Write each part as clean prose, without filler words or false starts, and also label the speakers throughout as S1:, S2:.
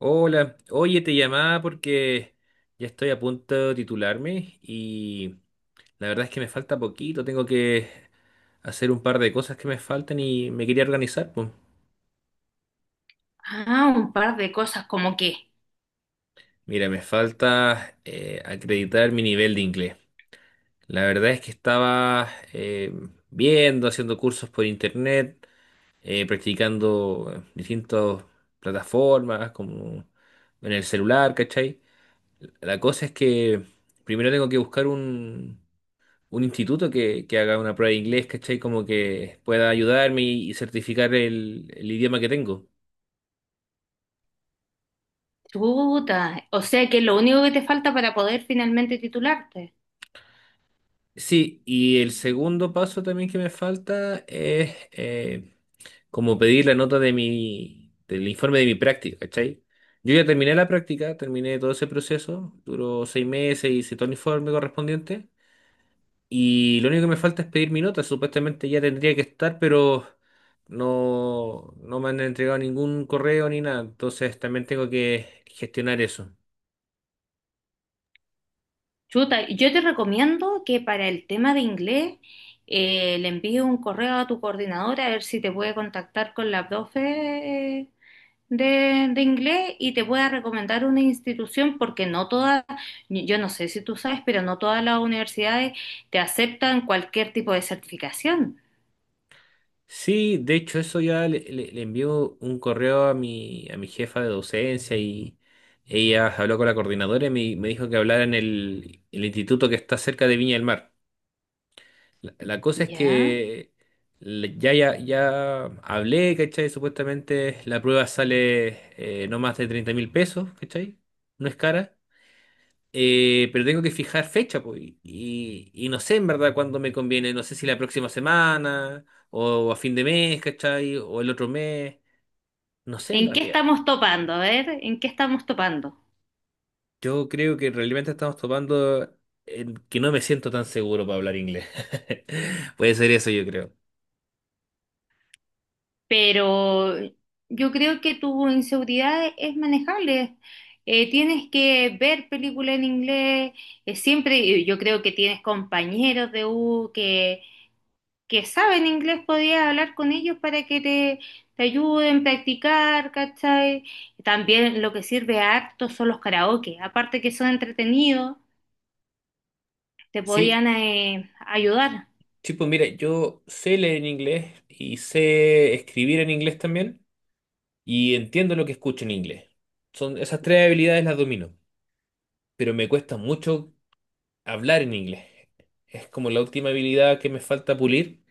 S1: Hola, oye, te llamaba porque ya estoy a punto de titularme y la verdad es que me falta poquito, tengo que hacer un par de cosas que me faltan y me quería organizar, pues.
S2: Ah, un par de cosas, como que,
S1: Mira, me falta acreditar mi nivel de inglés. La verdad es que estaba viendo, haciendo cursos por internet, practicando distintas plataformas como en el celular, ¿cachai? La cosa es que primero tengo que buscar un instituto que haga una prueba de inglés, ¿cachai? Como que pueda ayudarme y certificar el idioma que tengo.
S2: chuta, o sea que lo único que te falta para poder finalmente titularte.
S1: Sí, y el segundo paso también que me falta es como pedir la nota de mi, del informe de mi práctica, ¿cachai? Yo ya terminé la práctica, terminé todo ese proceso, duró 6 meses, hice todo el informe correspondiente. Y lo único que me falta es pedir mi nota. Supuestamente ya tendría que estar, pero no, no me han entregado ningún correo ni nada. Entonces también tengo que gestionar eso.
S2: Chuta, yo te recomiendo que para el tema de inglés le envíes un correo a tu coordinadora a ver si te puede contactar con la profe de inglés y te pueda recomendar una institución porque no todas, yo no sé si tú sabes, pero no todas las universidades te aceptan cualquier tipo de certificación.
S1: Sí, de hecho eso ya le envió un correo a mi jefa de docencia y ella habló con la coordinadora y me dijo que hablara en el instituto que está cerca de Viña del Mar. La cosa es
S2: ¿Ya?
S1: que ya, ya, ya hablé, ¿cachai? Supuestamente la prueba sale no más de 30.000 pesos, ¿cachai? No es cara. Pero tengo que fijar fecha, pues. Y no sé en verdad cuándo me conviene. No sé si la próxima semana o a fin de mes, ¿cachai? O el otro mes. No sé en
S2: ¿En qué
S1: realidad.
S2: estamos topando? A ver, ¿en qué estamos topando?
S1: Yo creo que realmente estamos topando en que no me siento tan seguro para hablar inglés. Puede ser eso, yo creo.
S2: Pero yo creo que tu inseguridad es manejable. Tienes que ver películas en inglés. Siempre yo creo que tienes compañeros de U que saben inglés. Podías hablar con ellos para que te ayuden a practicar, ¿cachai? También lo que sirve harto son los karaoke. Aparte que son entretenidos, te
S1: Sí,
S2: podían ayudar.
S1: sí, pues mira, yo sé leer en inglés y sé escribir en inglés también y entiendo lo que escucho en inglés. Son esas tres habilidades las domino, pero me cuesta mucho hablar en inglés. Es como la última habilidad que me falta pulir.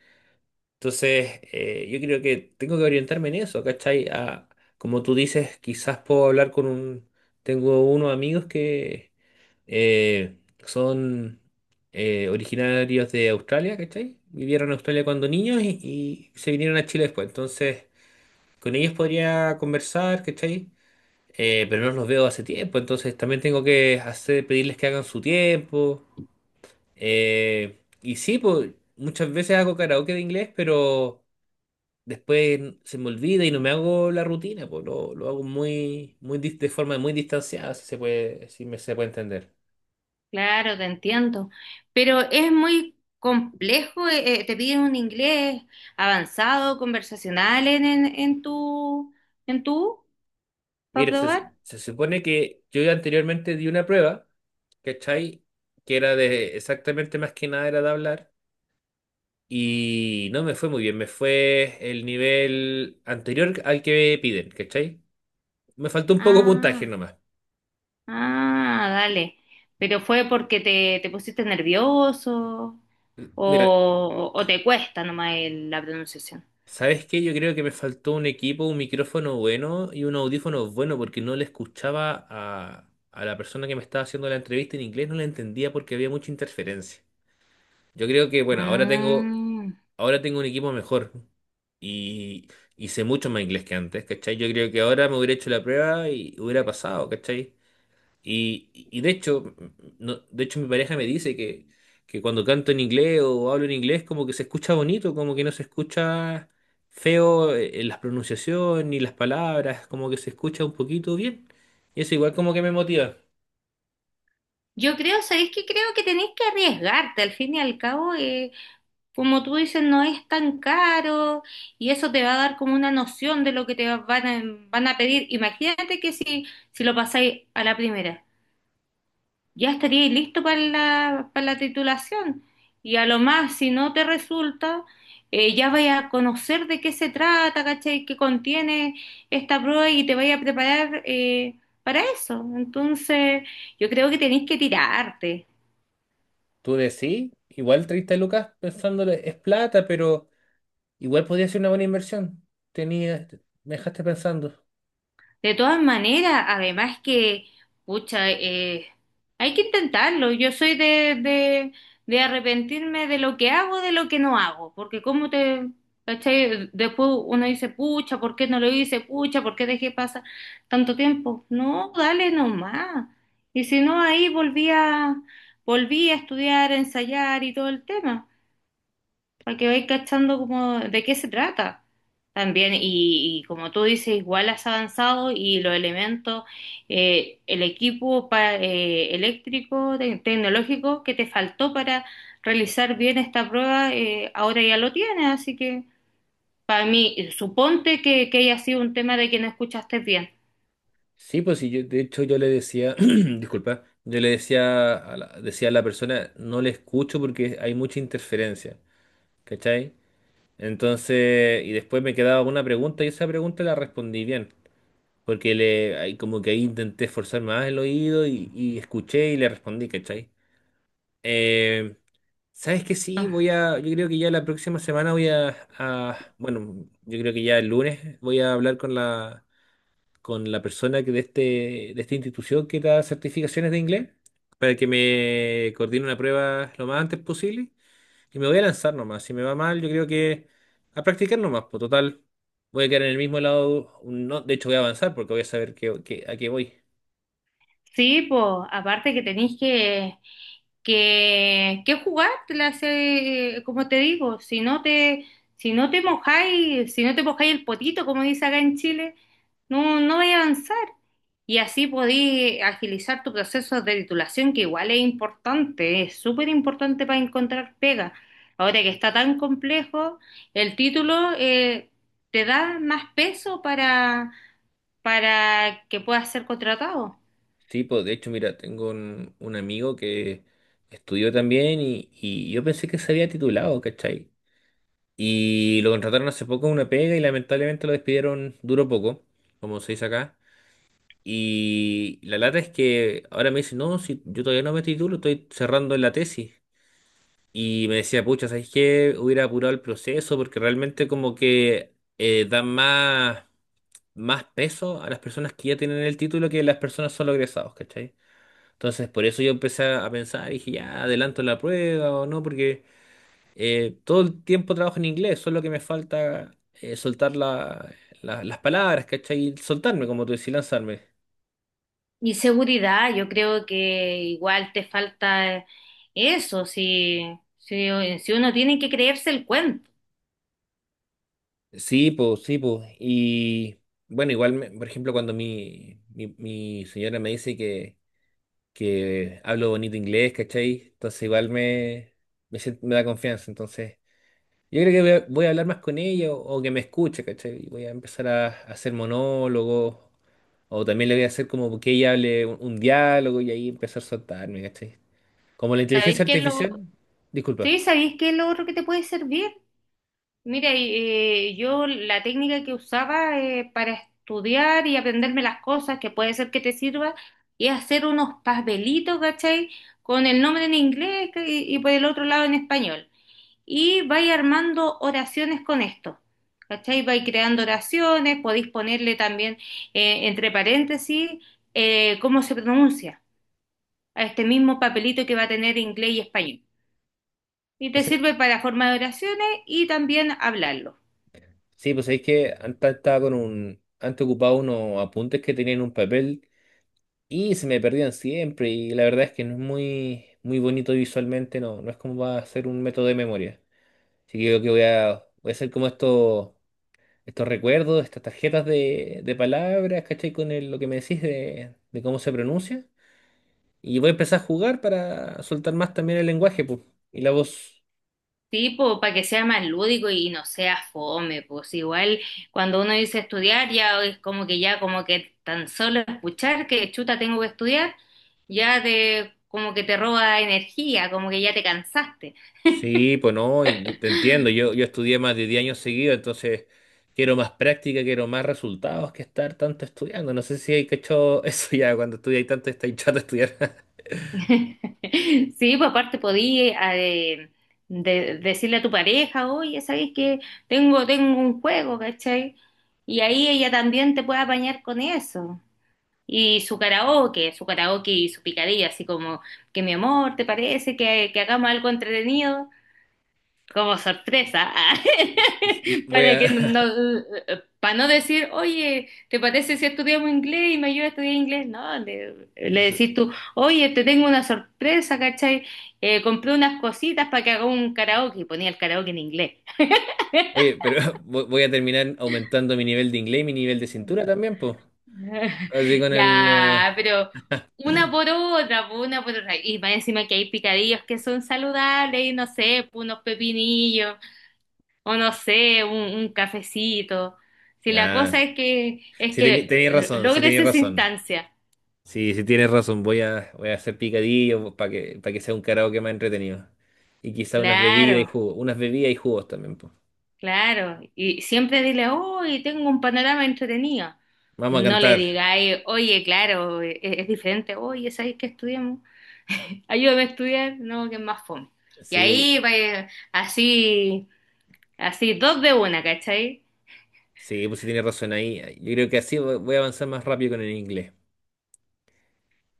S1: Entonces, yo creo que tengo que orientarme en eso, ¿cachai? Como tú dices, quizás puedo hablar con un... Tengo unos amigos que eh, son originarios de Australia, ¿cachai? Vivieron en Australia cuando niños y se vinieron a Chile después. Entonces, con ellos podría conversar, ¿cachai? Pero no los veo hace tiempo, entonces también tengo que hacer, pedirles que hagan su tiempo. Y sí, pues muchas veces hago karaoke de inglés, pero después se me olvida y no me hago la rutina, pues lo hago muy, muy de forma muy distanciada, si se puede, si me, se puede entender.
S2: Claro, te entiendo, pero es muy complejo, te piden un inglés avanzado, conversacional en tu, para
S1: Mire,
S2: probar.
S1: se supone que yo ya anteriormente di una prueba, ¿cachai? Que era de exactamente más que nada era de hablar. Y no me fue muy bien, me fue el nivel anterior al que piden, ¿cachai? Me faltó un poco de puntaje
S2: Ah,
S1: nomás.
S2: ah, dale, pero fue porque te pusiste nervioso
S1: Mira,
S2: o te cuesta nomás el- la pronunciación.
S1: ¿sabes qué? Yo creo que me faltó un equipo, un micrófono bueno y un audífono bueno porque no le escuchaba a la persona que me estaba haciendo la entrevista en inglés, no la entendía porque había mucha interferencia. Yo creo que, bueno,
S2: Mm.
S1: ahora tengo un equipo mejor y, y sé mucho más inglés que antes, ¿cachai? Yo creo que ahora me hubiera hecho la prueba y hubiera pasado, ¿cachai? Y de hecho, no, de hecho mi pareja me dice que cuando canto en inglés o hablo en inglés como que se escucha bonito, como que no se escucha feo en las pronunciaciones ni las palabras, como que se escucha un poquito bien. Y eso igual como que me motiva.
S2: Yo creo, ¿sabéis qué? Creo que tenéis que arriesgarte, al fin y al cabo, como tú dices, no es tan caro y eso te va a dar como una noción de lo que te va- van a, van a pedir. Imagínate que si, si lo pasáis a la primera, ya estaríais listo para la titulación y a lo más, si no te resulta, ya vais a conocer de qué se trata, ¿cachai? ¿Qué contiene esta prueba y te vais a preparar para eso? Entonces, yo creo que tenéis que tirarte.
S1: Tú decís, igual 30 lucas pensándole es plata, pero igual podría ser una buena inversión. Tenía, me dejaste pensando.
S2: De todas maneras, además que, pucha, hay que intentarlo. Yo soy de arrepentirme de lo que hago, de lo que no hago, porque como te, ¿cachai? Después uno dice, pucha, ¿por qué no lo hice? Pucha, ¿por qué dejé pasar tanto tiempo? No, dale nomás. Y si no, ahí volví a, volví a estudiar, a ensayar y todo el tema para que vais cachando como de qué se trata también. Y como tú dices, igual has avanzado y los elementos, el equipo pa- eléctrico, te- tecnológico que te faltó para realizar bien esta prueba, ahora ya lo tienes. Así que para mí, suponte que haya sido un tema de que no escuchaste bien.
S1: Sí, pues sí, de hecho yo le decía, disculpa, yo le decía a la persona, no le escucho porque hay mucha interferencia, ¿cachai? Entonces, y después me quedaba una pregunta y esa pregunta la respondí bien, porque le, ahí como que ahí intenté esforzar más el oído y escuché y le respondí, ¿cachai? Eh, ¿Sabes qué? Sí,
S2: No.
S1: yo creo que ya la próxima semana bueno, yo creo que ya el lunes voy a hablar con la persona que de este, de esta institución que da certificaciones de inglés para que me coordine una prueba lo más antes posible y me voy a lanzar nomás. Si me va mal, yo creo que a practicar nomás, pues total, voy a quedar en el mismo lado, no, de hecho voy a avanzar porque voy a saber a qué voy.
S2: Sí, pues aparte que tenéis que jugártelas, hace como te digo, si no te, si no te mojáis, si no te mojáis el potito, como dice acá en Chile, no, no vais a avanzar. Y así podéis agilizar tu proceso de titulación, que igual es importante, es súper importante para encontrar pega. Ahora que está tan complejo, el título te da más peso para que puedas ser contratado.
S1: Sí, pues de hecho, mira, tengo un amigo que estudió también y yo pensé que se había titulado, ¿cachai? Y lo contrataron hace poco en una pega y lamentablemente lo despidieron duro poco, como se dice acá. Y la lata es que ahora me dice, no, si yo todavía no me titulo, estoy cerrando la tesis. Y me decía, pucha, ¿sabes qué? Hubiera apurado el proceso porque realmente como que dan más, más peso a las personas que ya tienen el título que las personas solo egresados, ¿cachai? Entonces, por eso yo empecé a pensar, dije, ya adelanto la prueba o no, porque todo el tiempo trabajo en inglés, solo que me falta soltar las palabras, ¿cachai? Soltarme, como tú decís, lanzarme.
S2: Y seguridad, yo creo que igual te falta eso, si, si, si uno tiene que creerse el cuento.
S1: Sí, pues, sí, pues. Y bueno, igual, por ejemplo, cuando mi señora me dice que hablo bonito inglés, ¿cachai? Entonces, igual me, me, sien- me da confianza. Entonces, yo creo que voy a hablar más con ella o que me escuche, ¿cachai? Y voy a empezar a hacer monólogos. O también le voy a hacer como que ella hable un diálogo y ahí empezar a soltarme, ¿cachai? Como la
S2: ¿Sabéis
S1: inteligencia
S2: qué es lo,
S1: artificial, disculpa.
S2: sí, sabéis qué es lo otro que te puede servir? Mira, y, yo la técnica que usaba para estudiar y aprenderme las cosas que puede ser que te sirva es hacer unos papelitos, ¿cachai? Con el nombre en inglés y por el otro lado en español. Y vais armando oraciones con esto. ¿Cachai? Vais creando oraciones, podéis ponerle también entre paréntesis cómo se pronuncia a este mismo papelito que va a tener inglés y español. Y te
S1: Ese-
S2: sirve para formar oraciones y también hablarlo.
S1: Sí, pues es que antes estaba con un, antes ocupaba unos apuntes que tenía en un papel y se me perdían siempre y la verdad es que no es muy, muy bonito visualmente, no es como va a ser un método de memoria. Así que yo creo que voy a hacer como estos, estos recuerdos, estas tarjetas de palabras, ¿cachai? Lo que me decís de cómo se pronuncia. Y voy a empezar a jugar para soltar más también el lenguaje, pues, y la voz.
S2: Tipo, para que sea más lúdico y no sea fome, pues igual cuando uno dice estudiar ya es como que ya como que tan solo escuchar que chuta tengo que estudiar, ya te como que te roba energía, como que ya te cansaste.
S1: Sí, pues no, y yo te entiendo. Yo estudié más de 10 años seguidos, entonces quiero más práctica, quiero más resultados que estar tanto estudiando. No sé si hay cachado eso ya, cuando estudiáis tanto estáis chato de estudiar.
S2: Sí, pues aparte podía de- decirle a tu pareja, oye, ¿sabes que tengo, tengo un juego, ¿cachai? Y ahí ella también te puede apañar con eso. Y su karaoke y su picadilla, así como que mi amor, ¿te parece que hagamos algo entretenido? Como sorpresa,
S1: Voy
S2: para
S1: a.
S2: que no, para no decir, oye, ¿te parece si estudiamos inglés y me ayudas a estudiar inglés? No, le decís tú, oye, te tengo una sorpresa, ¿cachai? Compré unas cositas para que haga un karaoke, y ponía el karaoke en inglés.
S1: Oye, pero voy a terminar aumentando mi nivel de inglés y mi nivel de cintura también, pues. Así con el.
S2: Ya, pero una por otra, po, una por otra. Y más encima que hay picadillos que son saludables y no sé, po, unos pepinillos, o no sé, un cafecito. Si la cosa
S1: Ya.
S2: es
S1: Sí,
S2: que
S1: tenéis
S2: lo-
S1: razón, sí
S2: logres
S1: tenéis
S2: esa
S1: razón.
S2: instancia.
S1: Sí, sí tienes razón, voy a hacer picadillo para que sea un karaoke más entretenido. Y quizá unas bebidas y
S2: Claro,
S1: jugos, unas bebidas y jugos también, pues.
S2: claro. Y siempre dile, hoy tengo un panorama entretenido.
S1: Vamos a
S2: No le
S1: cantar.
S2: digáis, oye, claro, e- e, es, diferente, oye, ¿sabéis que estudiamos? Ayúdame a estudiar, no, que es más fome. Y
S1: Sí,
S2: ahí, va, así, así, dos de una, ¿cachai?
S1: sí, pues sí tienes razón ahí. Yo creo que así voy a avanzar más rápido con el inglés.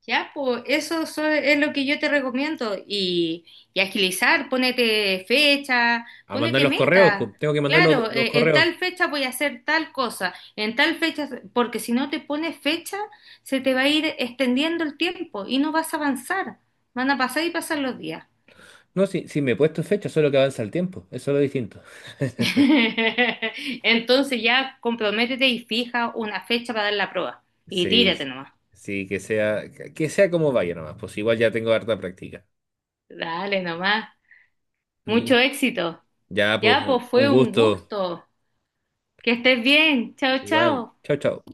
S2: Ya, pues eso so- es lo que yo te recomiendo. Y agilizar, ponete fecha,
S1: A mandar
S2: ponete
S1: los correos, pues
S2: meta.
S1: tengo que mandar
S2: Claro,
S1: los
S2: en
S1: correos.
S2: tal fecha voy a hacer tal cosa, en tal fecha, porque si no te pones fecha, se te va a ir extendiendo el tiempo y no vas a avanzar. Van a pasar y pasar los días.
S1: No, sí, sí me he puesto fecha, solo que avanza el tiempo, eso es lo distinto.
S2: Entonces ya comprométete y fija una fecha para dar la prueba. Y
S1: Sí,
S2: tírate nomás.
S1: sí, que sea como vaya nomás, pues igual ya tengo harta práctica.
S2: Dale nomás.
S1: Mm.
S2: Mucho éxito.
S1: Ya, pues
S2: Ya, pues fue
S1: un
S2: un
S1: gusto.
S2: gusto. Que estés bien. Chao,
S1: Igual,
S2: chao.
S1: chao, chao.